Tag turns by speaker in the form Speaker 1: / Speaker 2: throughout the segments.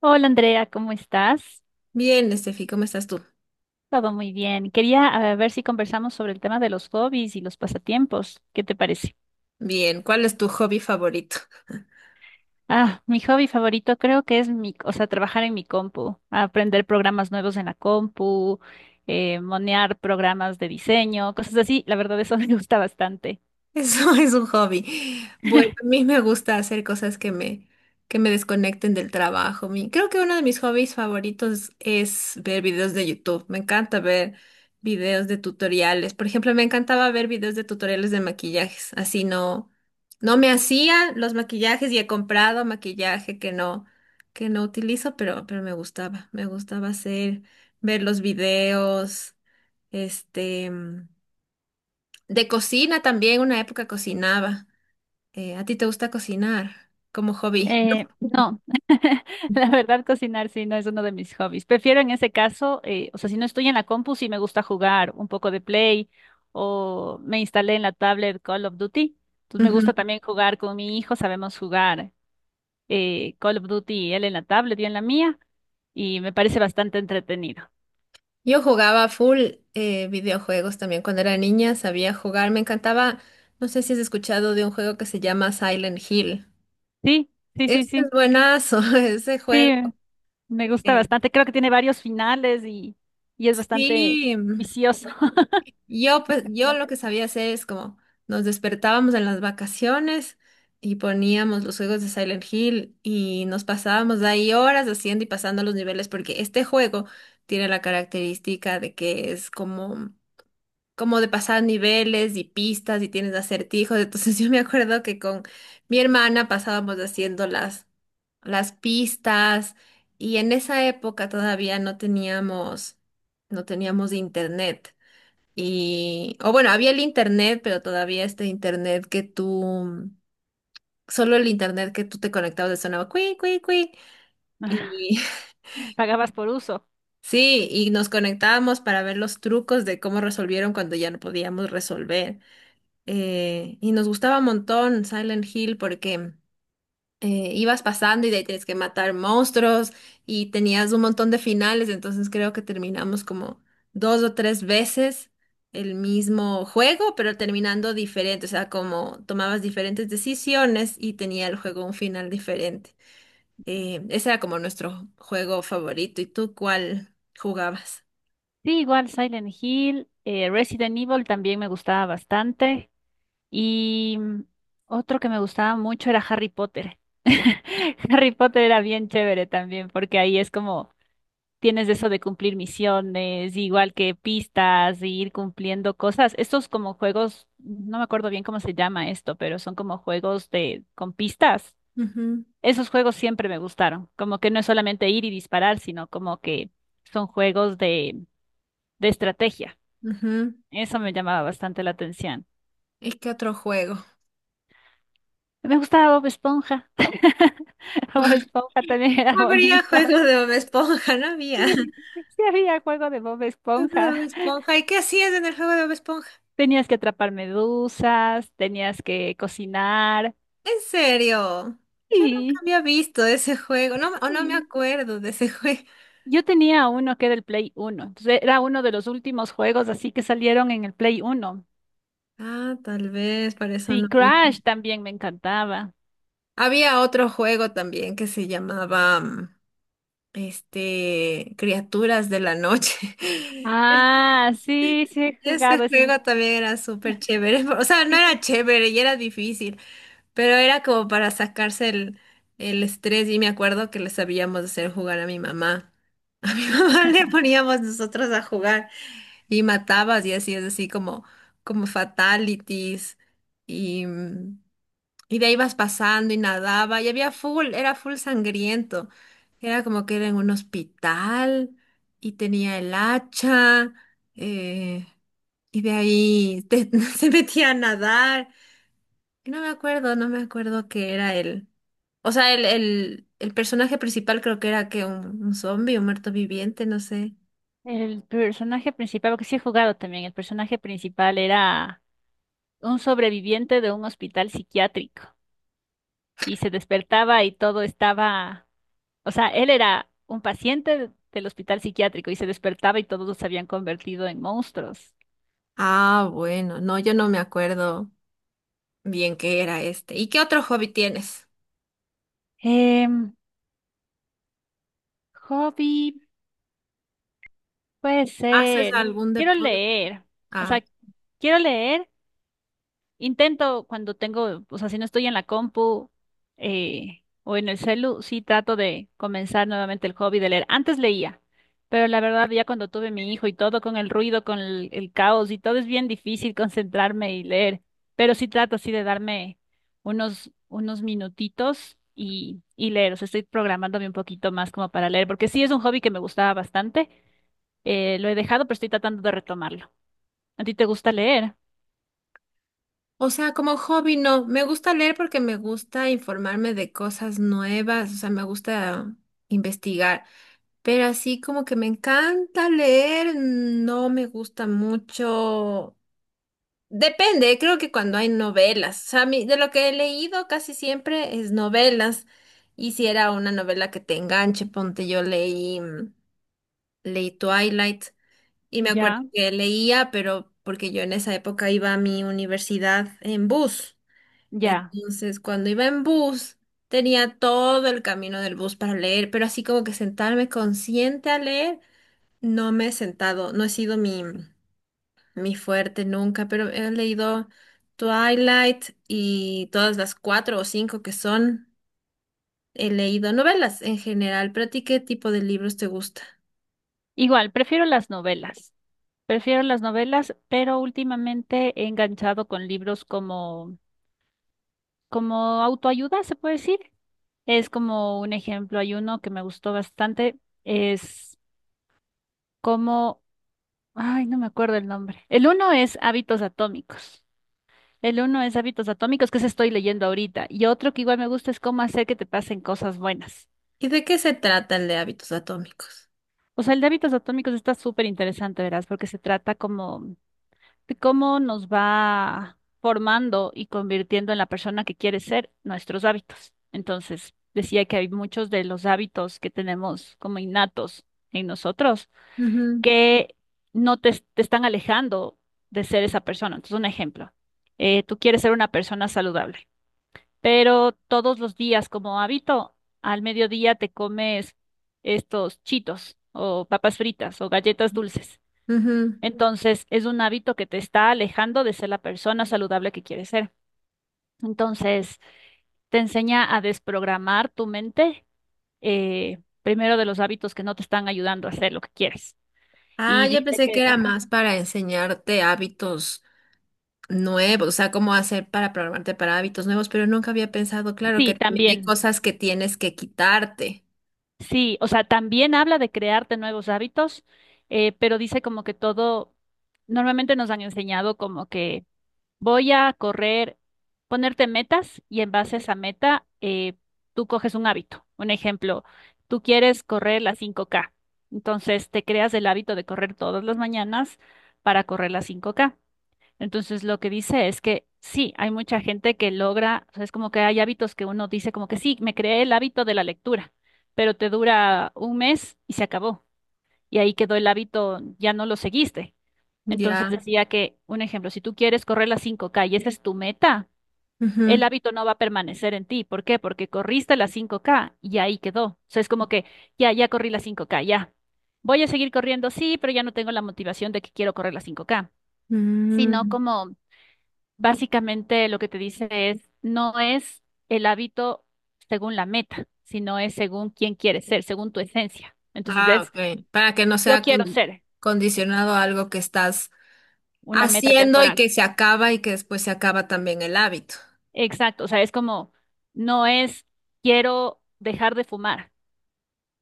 Speaker 1: Hola Andrea, ¿cómo estás?
Speaker 2: Bien, Estefi, ¿cómo estás tú?
Speaker 1: Todo muy bien. Quería ver si conversamos sobre el tema de los hobbies y los pasatiempos. ¿Qué te parece?
Speaker 2: Bien, ¿cuál es tu hobby favorito?
Speaker 1: Ah, mi hobby favorito creo que es trabajar en mi compu, aprender programas nuevos en la compu, monear programas de diseño, cosas así. La verdad, eso me gusta bastante.
Speaker 2: Eso es un hobby. Bueno, a mí me gusta hacer cosas que me desconecten del trabajo. Mi, creo que uno de mis hobbies favoritos es ver videos de YouTube. Me encanta ver videos de tutoriales. Por ejemplo, me encantaba ver videos de tutoriales de maquillajes. Así no, No me hacía los maquillajes y he comprado maquillaje que no utilizo, pero me gustaba. Ver los videos. Este, mm, de cocina también, una época cocinaba. ¿A ti te gusta cocinar como hobby?
Speaker 1: No, la verdad cocinar sí no es uno de mis hobbies. Prefiero en ese caso, si no estoy en la compu, sí me gusta jugar un poco de Play o me instalé en la tablet Call of Duty. Entonces me gusta
Speaker 2: Ujú.
Speaker 1: también jugar con mi hijo, sabemos jugar Call of Duty, él en la tablet, yo en la mía, y me parece bastante entretenido.
Speaker 2: Yo jugaba full videojuegos también cuando era niña, sabía jugar, me encantaba, no sé si has escuchado de un juego que se llama Silent Hill.
Speaker 1: Sí, sí, sí,
Speaker 2: Este es
Speaker 1: sí,
Speaker 2: buenazo, ese
Speaker 1: sí,
Speaker 2: juego.
Speaker 1: me gusta
Speaker 2: eh,
Speaker 1: bastante. Creo que tiene varios finales y es bastante
Speaker 2: sí.
Speaker 1: vicioso.
Speaker 2: Yo, pues, yo lo que
Speaker 1: Eficiente.
Speaker 2: sabía hacer es como nos despertábamos en las vacaciones y poníamos los juegos de Silent Hill y nos pasábamos de ahí horas haciendo y pasando los niveles porque este juego tiene la característica de que es como de pasar niveles y pistas y tienes acertijos. Entonces yo me acuerdo que con mi hermana pasábamos haciendo las pistas y en esa época todavía no teníamos, no teníamos internet. Y, o bueno, había el internet, pero todavía este internet solo el internet que tú te conectabas le sonaba cuí, cuí, cuí. Y
Speaker 1: Pagabas por uso.
Speaker 2: sí, y nos conectábamos para ver los trucos de cómo resolvieron cuando ya no podíamos resolver. Y nos gustaba un montón Silent Hill porque ibas pasando y de ahí tienes que matar monstruos y tenías un montón de finales, entonces creo que terminamos como dos o tres veces el mismo juego, pero terminando diferente, o sea, como tomabas diferentes decisiones y tenía el juego un final diferente. Ese era como nuestro juego favorito. ¿Y tú cuál jugabas?
Speaker 1: Sí, igual Silent Hill, Resident Evil también me gustaba bastante. Y otro que me gustaba mucho era Harry Potter. Harry Potter era bien chévere también, porque ahí es como tienes eso de cumplir misiones, igual que pistas, y ir cumpliendo cosas. Estos como juegos, no me acuerdo bien cómo se llama esto, pero son como juegos de con pistas.
Speaker 2: Ujú,
Speaker 1: Esos juegos siempre me gustaron, como que no es solamente ir y disparar, sino como que son juegos de estrategia.
Speaker 2: ujú.
Speaker 1: Eso me llamaba bastante la atención.
Speaker 2: ¿Y qué otro juego?
Speaker 1: Me gustaba Bob Esponja. Bob Esponja también era
Speaker 2: No habría
Speaker 1: bonito.
Speaker 2: juego de Bob Esponja, no había.
Speaker 1: Sí, sí había juego de Bob
Speaker 2: Juego de
Speaker 1: Esponja.
Speaker 2: Bob Esponja. ¿Y qué hacías en el juego de Bob Esponja?
Speaker 1: Tenías que atrapar medusas, tenías que cocinar.
Speaker 2: ¿En serio? Yo nunca
Speaker 1: Sí,
Speaker 2: había visto ese juego, no, o no me
Speaker 1: sí.
Speaker 2: acuerdo de ese juego.
Speaker 1: Yo tenía uno que era el Play Uno. Entonces era uno de los últimos juegos así que salieron en el Play Uno.
Speaker 2: Ah, tal vez, para eso
Speaker 1: Sí,
Speaker 2: no vi.
Speaker 1: Crash también me encantaba.
Speaker 2: Había otro juego también que se Criaturas de la Noche.
Speaker 1: Ah, sí, sí he
Speaker 2: Ese
Speaker 1: jugado ese.
Speaker 2: juego también era súper chévere, o sea, no era chévere y era difícil, pero era como para sacarse el estrés y me acuerdo que le sabíamos hacer jugar a mi mamá. A mi mamá le poníamos nosotros a jugar. Y matabas y hacías así como fatalities. Y, mm, y de ahí ibas pasando y nadaba. Y había full, era full sangriento. Era como que era en un hospital y tenía el hacha. eh, y de ahí se metía a nadar. Y no me acuerdo qué era él. O sea, el personaje principal creo que era un zombie, un muerto viviente, no sé.
Speaker 1: El personaje principal, porque sí he jugado también, el personaje principal era un sobreviviente de un hospital psiquiátrico y se despertaba y todo estaba, o sea, él era un paciente del hospital psiquiátrico y se despertaba y todos se habían convertido en monstruos.
Speaker 2: Ah, bueno, no, yo no me acuerdo. Bien que era este. ¿Y qué otro hobby tienes?
Speaker 1: Em, hobby, puede
Speaker 2: ¿Haces
Speaker 1: ser,
Speaker 2: algún
Speaker 1: quiero
Speaker 2: deporte?
Speaker 1: leer, o
Speaker 2: Ah,
Speaker 1: sea, quiero leer. Intento cuando tengo, o sea, si no estoy en la compu o en el celu, sí trato de comenzar nuevamente el hobby de leer. Antes leía, pero la verdad ya cuando tuve mi hijo y todo con el ruido, con el caos y todo es bien difícil concentrarme y leer, pero sí trato así de darme unos minutitos y leer. O sea, estoy programándome un poquito más como para leer, porque sí es un hobby que me gustaba bastante. Lo he dejado, pero estoy tratando de retomarlo. ¿A ti te gusta leer?
Speaker 2: o sea, como hobby no. Me gusta leer porque me gusta informarme de cosas nuevas, o sea, me gusta investigar. Pero así como que me encanta leer, no me gusta mucho. Depende, creo que cuando hay novelas. O sea, a mí- de lo que he leído casi siempre es novelas. Y si era una novela que te enganche, ponte, leí Twilight. Y me acuerdo
Speaker 1: Ya,
Speaker 2: que leía, pero porque yo en esa época iba a mi universidad en bus.
Speaker 1: ya.
Speaker 2: Entonces, cuando iba en bus, tenía todo el camino del bus para leer, pero así como que sentarme consciente a leer, no he sido mi fuerte nunca, pero he leído Twilight y todas las cuatro o cinco que son, he leído novelas en general, pero ¿a ti qué tipo de libros te gusta?
Speaker 1: Igual, prefiero las novelas. Prefiero las novelas, pero últimamente he enganchado con libros como autoayuda, se puede decir. Es como un ejemplo, hay uno que me gustó bastante, es como, ay, no me acuerdo el nombre. El uno es Hábitos Atómicos. El uno es Hábitos Atómicos, que se estoy leyendo ahorita. Y otro que igual me gusta es cómo hacer que te pasen cosas buenas.
Speaker 2: ¿Y de qué se trata el de hábitos atómicos?
Speaker 1: O sea, el de Hábitos Atómicos está súper interesante, verás, porque se trata como cómo nos va formando y convirtiendo en la persona que quiere ser nuestros hábitos. Entonces, decía que hay muchos de los hábitos que tenemos como innatos en nosotros
Speaker 2: Ujú,
Speaker 1: que no te están alejando de ser esa persona. Entonces, un ejemplo, tú quieres ser una persona saludable, pero todos los días como hábito, al mediodía te comes estos chitos o papas fritas o galletas dulces.
Speaker 2: ujú.
Speaker 1: Entonces, es un hábito que te está alejando de ser la persona saludable que quieres ser. Entonces, te enseña a desprogramar tu mente, primero de los hábitos que no te están ayudando a hacer lo que quieres.
Speaker 2: Ah,
Speaker 1: Y
Speaker 2: yo
Speaker 1: dice
Speaker 2: pensé que
Speaker 1: que,
Speaker 2: era
Speaker 1: ajá,
Speaker 2: más para enseñarte hábitos nuevos, o sea, cómo hacer para programarte para hábitos nuevos, pero nunca había pensado, claro, que
Speaker 1: sí,
Speaker 2: también hay
Speaker 1: también,
Speaker 2: cosas que tienes que quitarte.
Speaker 1: sí, o sea, también habla de crearte nuevos hábitos, pero dice como que todo, normalmente nos han enseñado como que voy a correr, ponerte metas y en base a esa meta, tú coges un hábito. Un ejemplo, tú quieres correr las 5K. Entonces te creas el hábito de correr todas las mañanas para correr las 5K. Entonces lo que dice es que sí, hay mucha gente que logra, o sea, es como que hay hábitos que uno dice como que sí, me creé el hábito de la lectura, pero te dura un mes y se acabó. Y ahí quedó el hábito, ya no lo seguiste. Entonces
Speaker 2: Ya.
Speaker 1: decía que, un ejemplo, si tú quieres correr las 5K y esa es tu meta,
Speaker 2: Ujú.
Speaker 1: el hábito no va a permanecer en ti. ¿Por qué? Porque corriste las 5K y ahí quedó. O sea, es como que ya corrí las 5K, ya. Voy a seguir corriendo, sí, pero ya no tengo la motivación de que quiero correr las 5K, sino
Speaker 2: Mm.
Speaker 1: como básicamente lo que te dice es, no es el hábito según la meta, sino es según quién quieres ser, según tu esencia. Entonces
Speaker 2: Ah,
Speaker 1: es,
Speaker 2: ok. Para que no
Speaker 1: yo
Speaker 2: sea
Speaker 1: quiero ser ex-
Speaker 2: condicionado a algo que estás
Speaker 1: una meta
Speaker 2: haciendo y
Speaker 1: temporal.
Speaker 2: que se acaba y que después se acaba también el hábito.
Speaker 1: Exacto, o sea, es como, no es quiero dejar de fumar,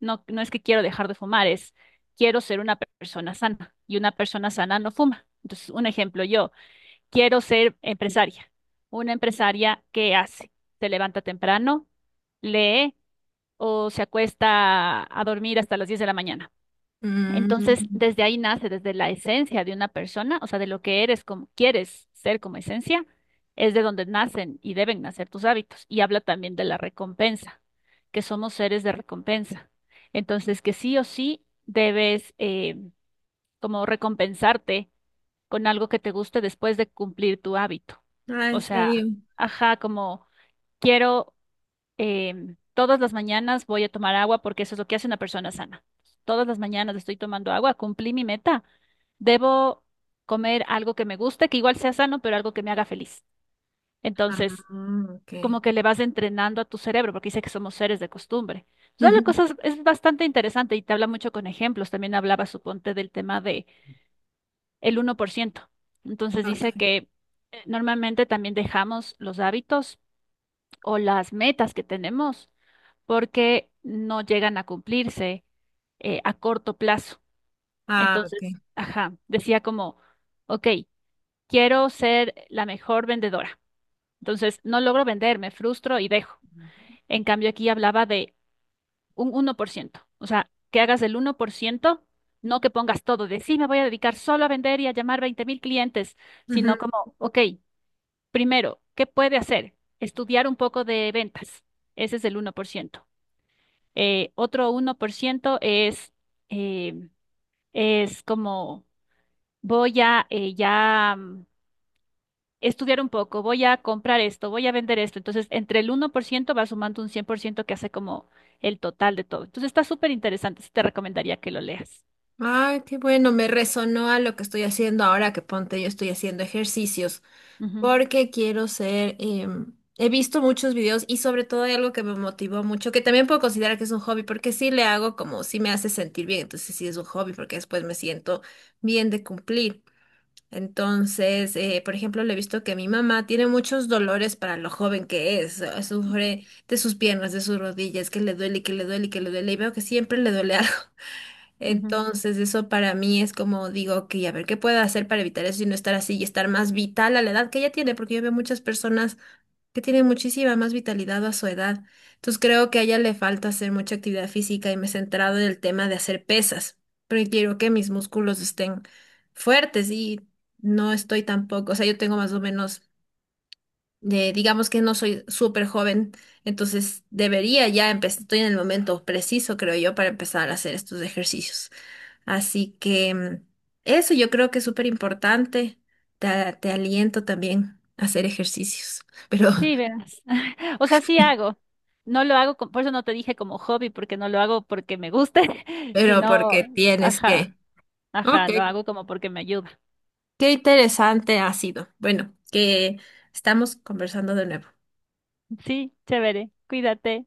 Speaker 1: no, no es que quiero dejar de fumar, es quiero ser una persona sana y una persona sana no fuma. Entonces, un ejemplo, yo quiero ser empresaria, una empresaria que hace, se levanta temprano, lee o se acuesta a dormir hasta las 10 de la mañana. Entonces,
Speaker 2: Mm.
Speaker 1: desde ahí nace, desde la esencia de una persona, o sea, de lo que eres, como quieres ser como esencia, es de donde nacen y deben nacer tus hábitos. Y habla también de la recompensa, que somos seres de recompensa. Entonces, que sí o sí debes como recompensarte con algo que te guste después de cumplir tu hábito.
Speaker 2: Ah,
Speaker 1: O
Speaker 2: ¿en
Speaker 1: sea,
Speaker 2: serio?
Speaker 1: ajá, como quiero todas las mañanas voy a tomar agua porque eso es lo que hace una persona sana. Todas las mañanas estoy tomando agua, cumplí mi meta. Debo comer algo que me guste, que igual sea sano, pero algo que me haga feliz.
Speaker 2: Ah,
Speaker 1: Entonces,
Speaker 2: ok.
Speaker 1: como que le vas entrenando a tu cerebro, porque dice que somos seres de costumbre. Entonces, habla
Speaker 2: Ujú.
Speaker 1: cosas, es bastante interesante y te habla mucho con ejemplos. También hablaba, suponte, del tema de el 1%. Entonces,
Speaker 2: Ok.
Speaker 1: dice que normalmente también dejamos los hábitos o las metas que tenemos porque no llegan a cumplirse a corto plazo.
Speaker 2: Ah, ok.
Speaker 1: Entonces, ajá, decía como, ok, quiero ser la mejor vendedora. Entonces, no logro vender, me frustro y dejo. En cambio, aquí hablaba de un 1%, o sea, que hagas el 1%, no que pongas todo de sí, me voy a dedicar solo a vender y a llamar 20 mil clientes, sino como, ok, primero, ¿qué puede hacer? Estudiar un poco de ventas. Ese es el 1%. Otro 1% eh, es como voy a estudiar un poco, voy a comprar esto, voy a vender esto. Entonces, entre el 1% va sumando un 100% que hace como el total de todo. Entonces, está súper interesante. Sí, te recomendaría que lo leas.
Speaker 2: Ay, qué bueno, me resonó a lo que estoy haciendo ahora que ponte, yo estoy haciendo ejercicios
Speaker 1: Ujú,
Speaker 2: porque quiero ser, he visto muchos videos y sobre todo hay algo que me motivó mucho, que también puedo considerar que es un hobby porque sí le hago como sí me hace sentir bien, entonces sí es un hobby porque después me siento bien de cumplir. Entonces, por ejemplo, le he visto que mi mamá tiene muchos dolores para lo joven que es, sufre de sus piernas, de sus rodillas, que le duele, que le duele, que le duele y veo que siempre le duele algo.
Speaker 1: ujú.
Speaker 2: Entonces, eso para mí es como digo, que a ver, ¿qué puedo hacer para evitar eso y no estar así y estar más vital a la edad que ella tiene? Porque yo veo muchas personas que tienen muchísima más vitalidad a su edad. Entonces, creo que a ella le falta hacer mucha actividad física y me he centrado en el tema de hacer pesas, porque quiero que mis músculos estén fuertes y no estoy tampoco, o sea, yo tengo más o menos, digamos que no soy súper joven, entonces debería ya empezar, estoy en el momento preciso, creo yo, para empezar a hacer estos ejercicios. Así que mm, Eso yo creo que es súper importante. Te, Te aliento también a hacer ejercicios, pero,
Speaker 1: Sí, verás. O sea, sí hago. No lo hago, por eso no te dije como hobby, porque no lo hago porque me guste,
Speaker 2: pero
Speaker 1: sino,
Speaker 2: porque tienes
Speaker 1: ajá,
Speaker 2: que.
Speaker 1: ajá,
Speaker 2: Ok,
Speaker 1: lo hago como porque me ayuda.
Speaker 2: qué interesante ha sido. Bueno, que estamos conversando de nuevo.
Speaker 1: Sí, chévere. Cuídate.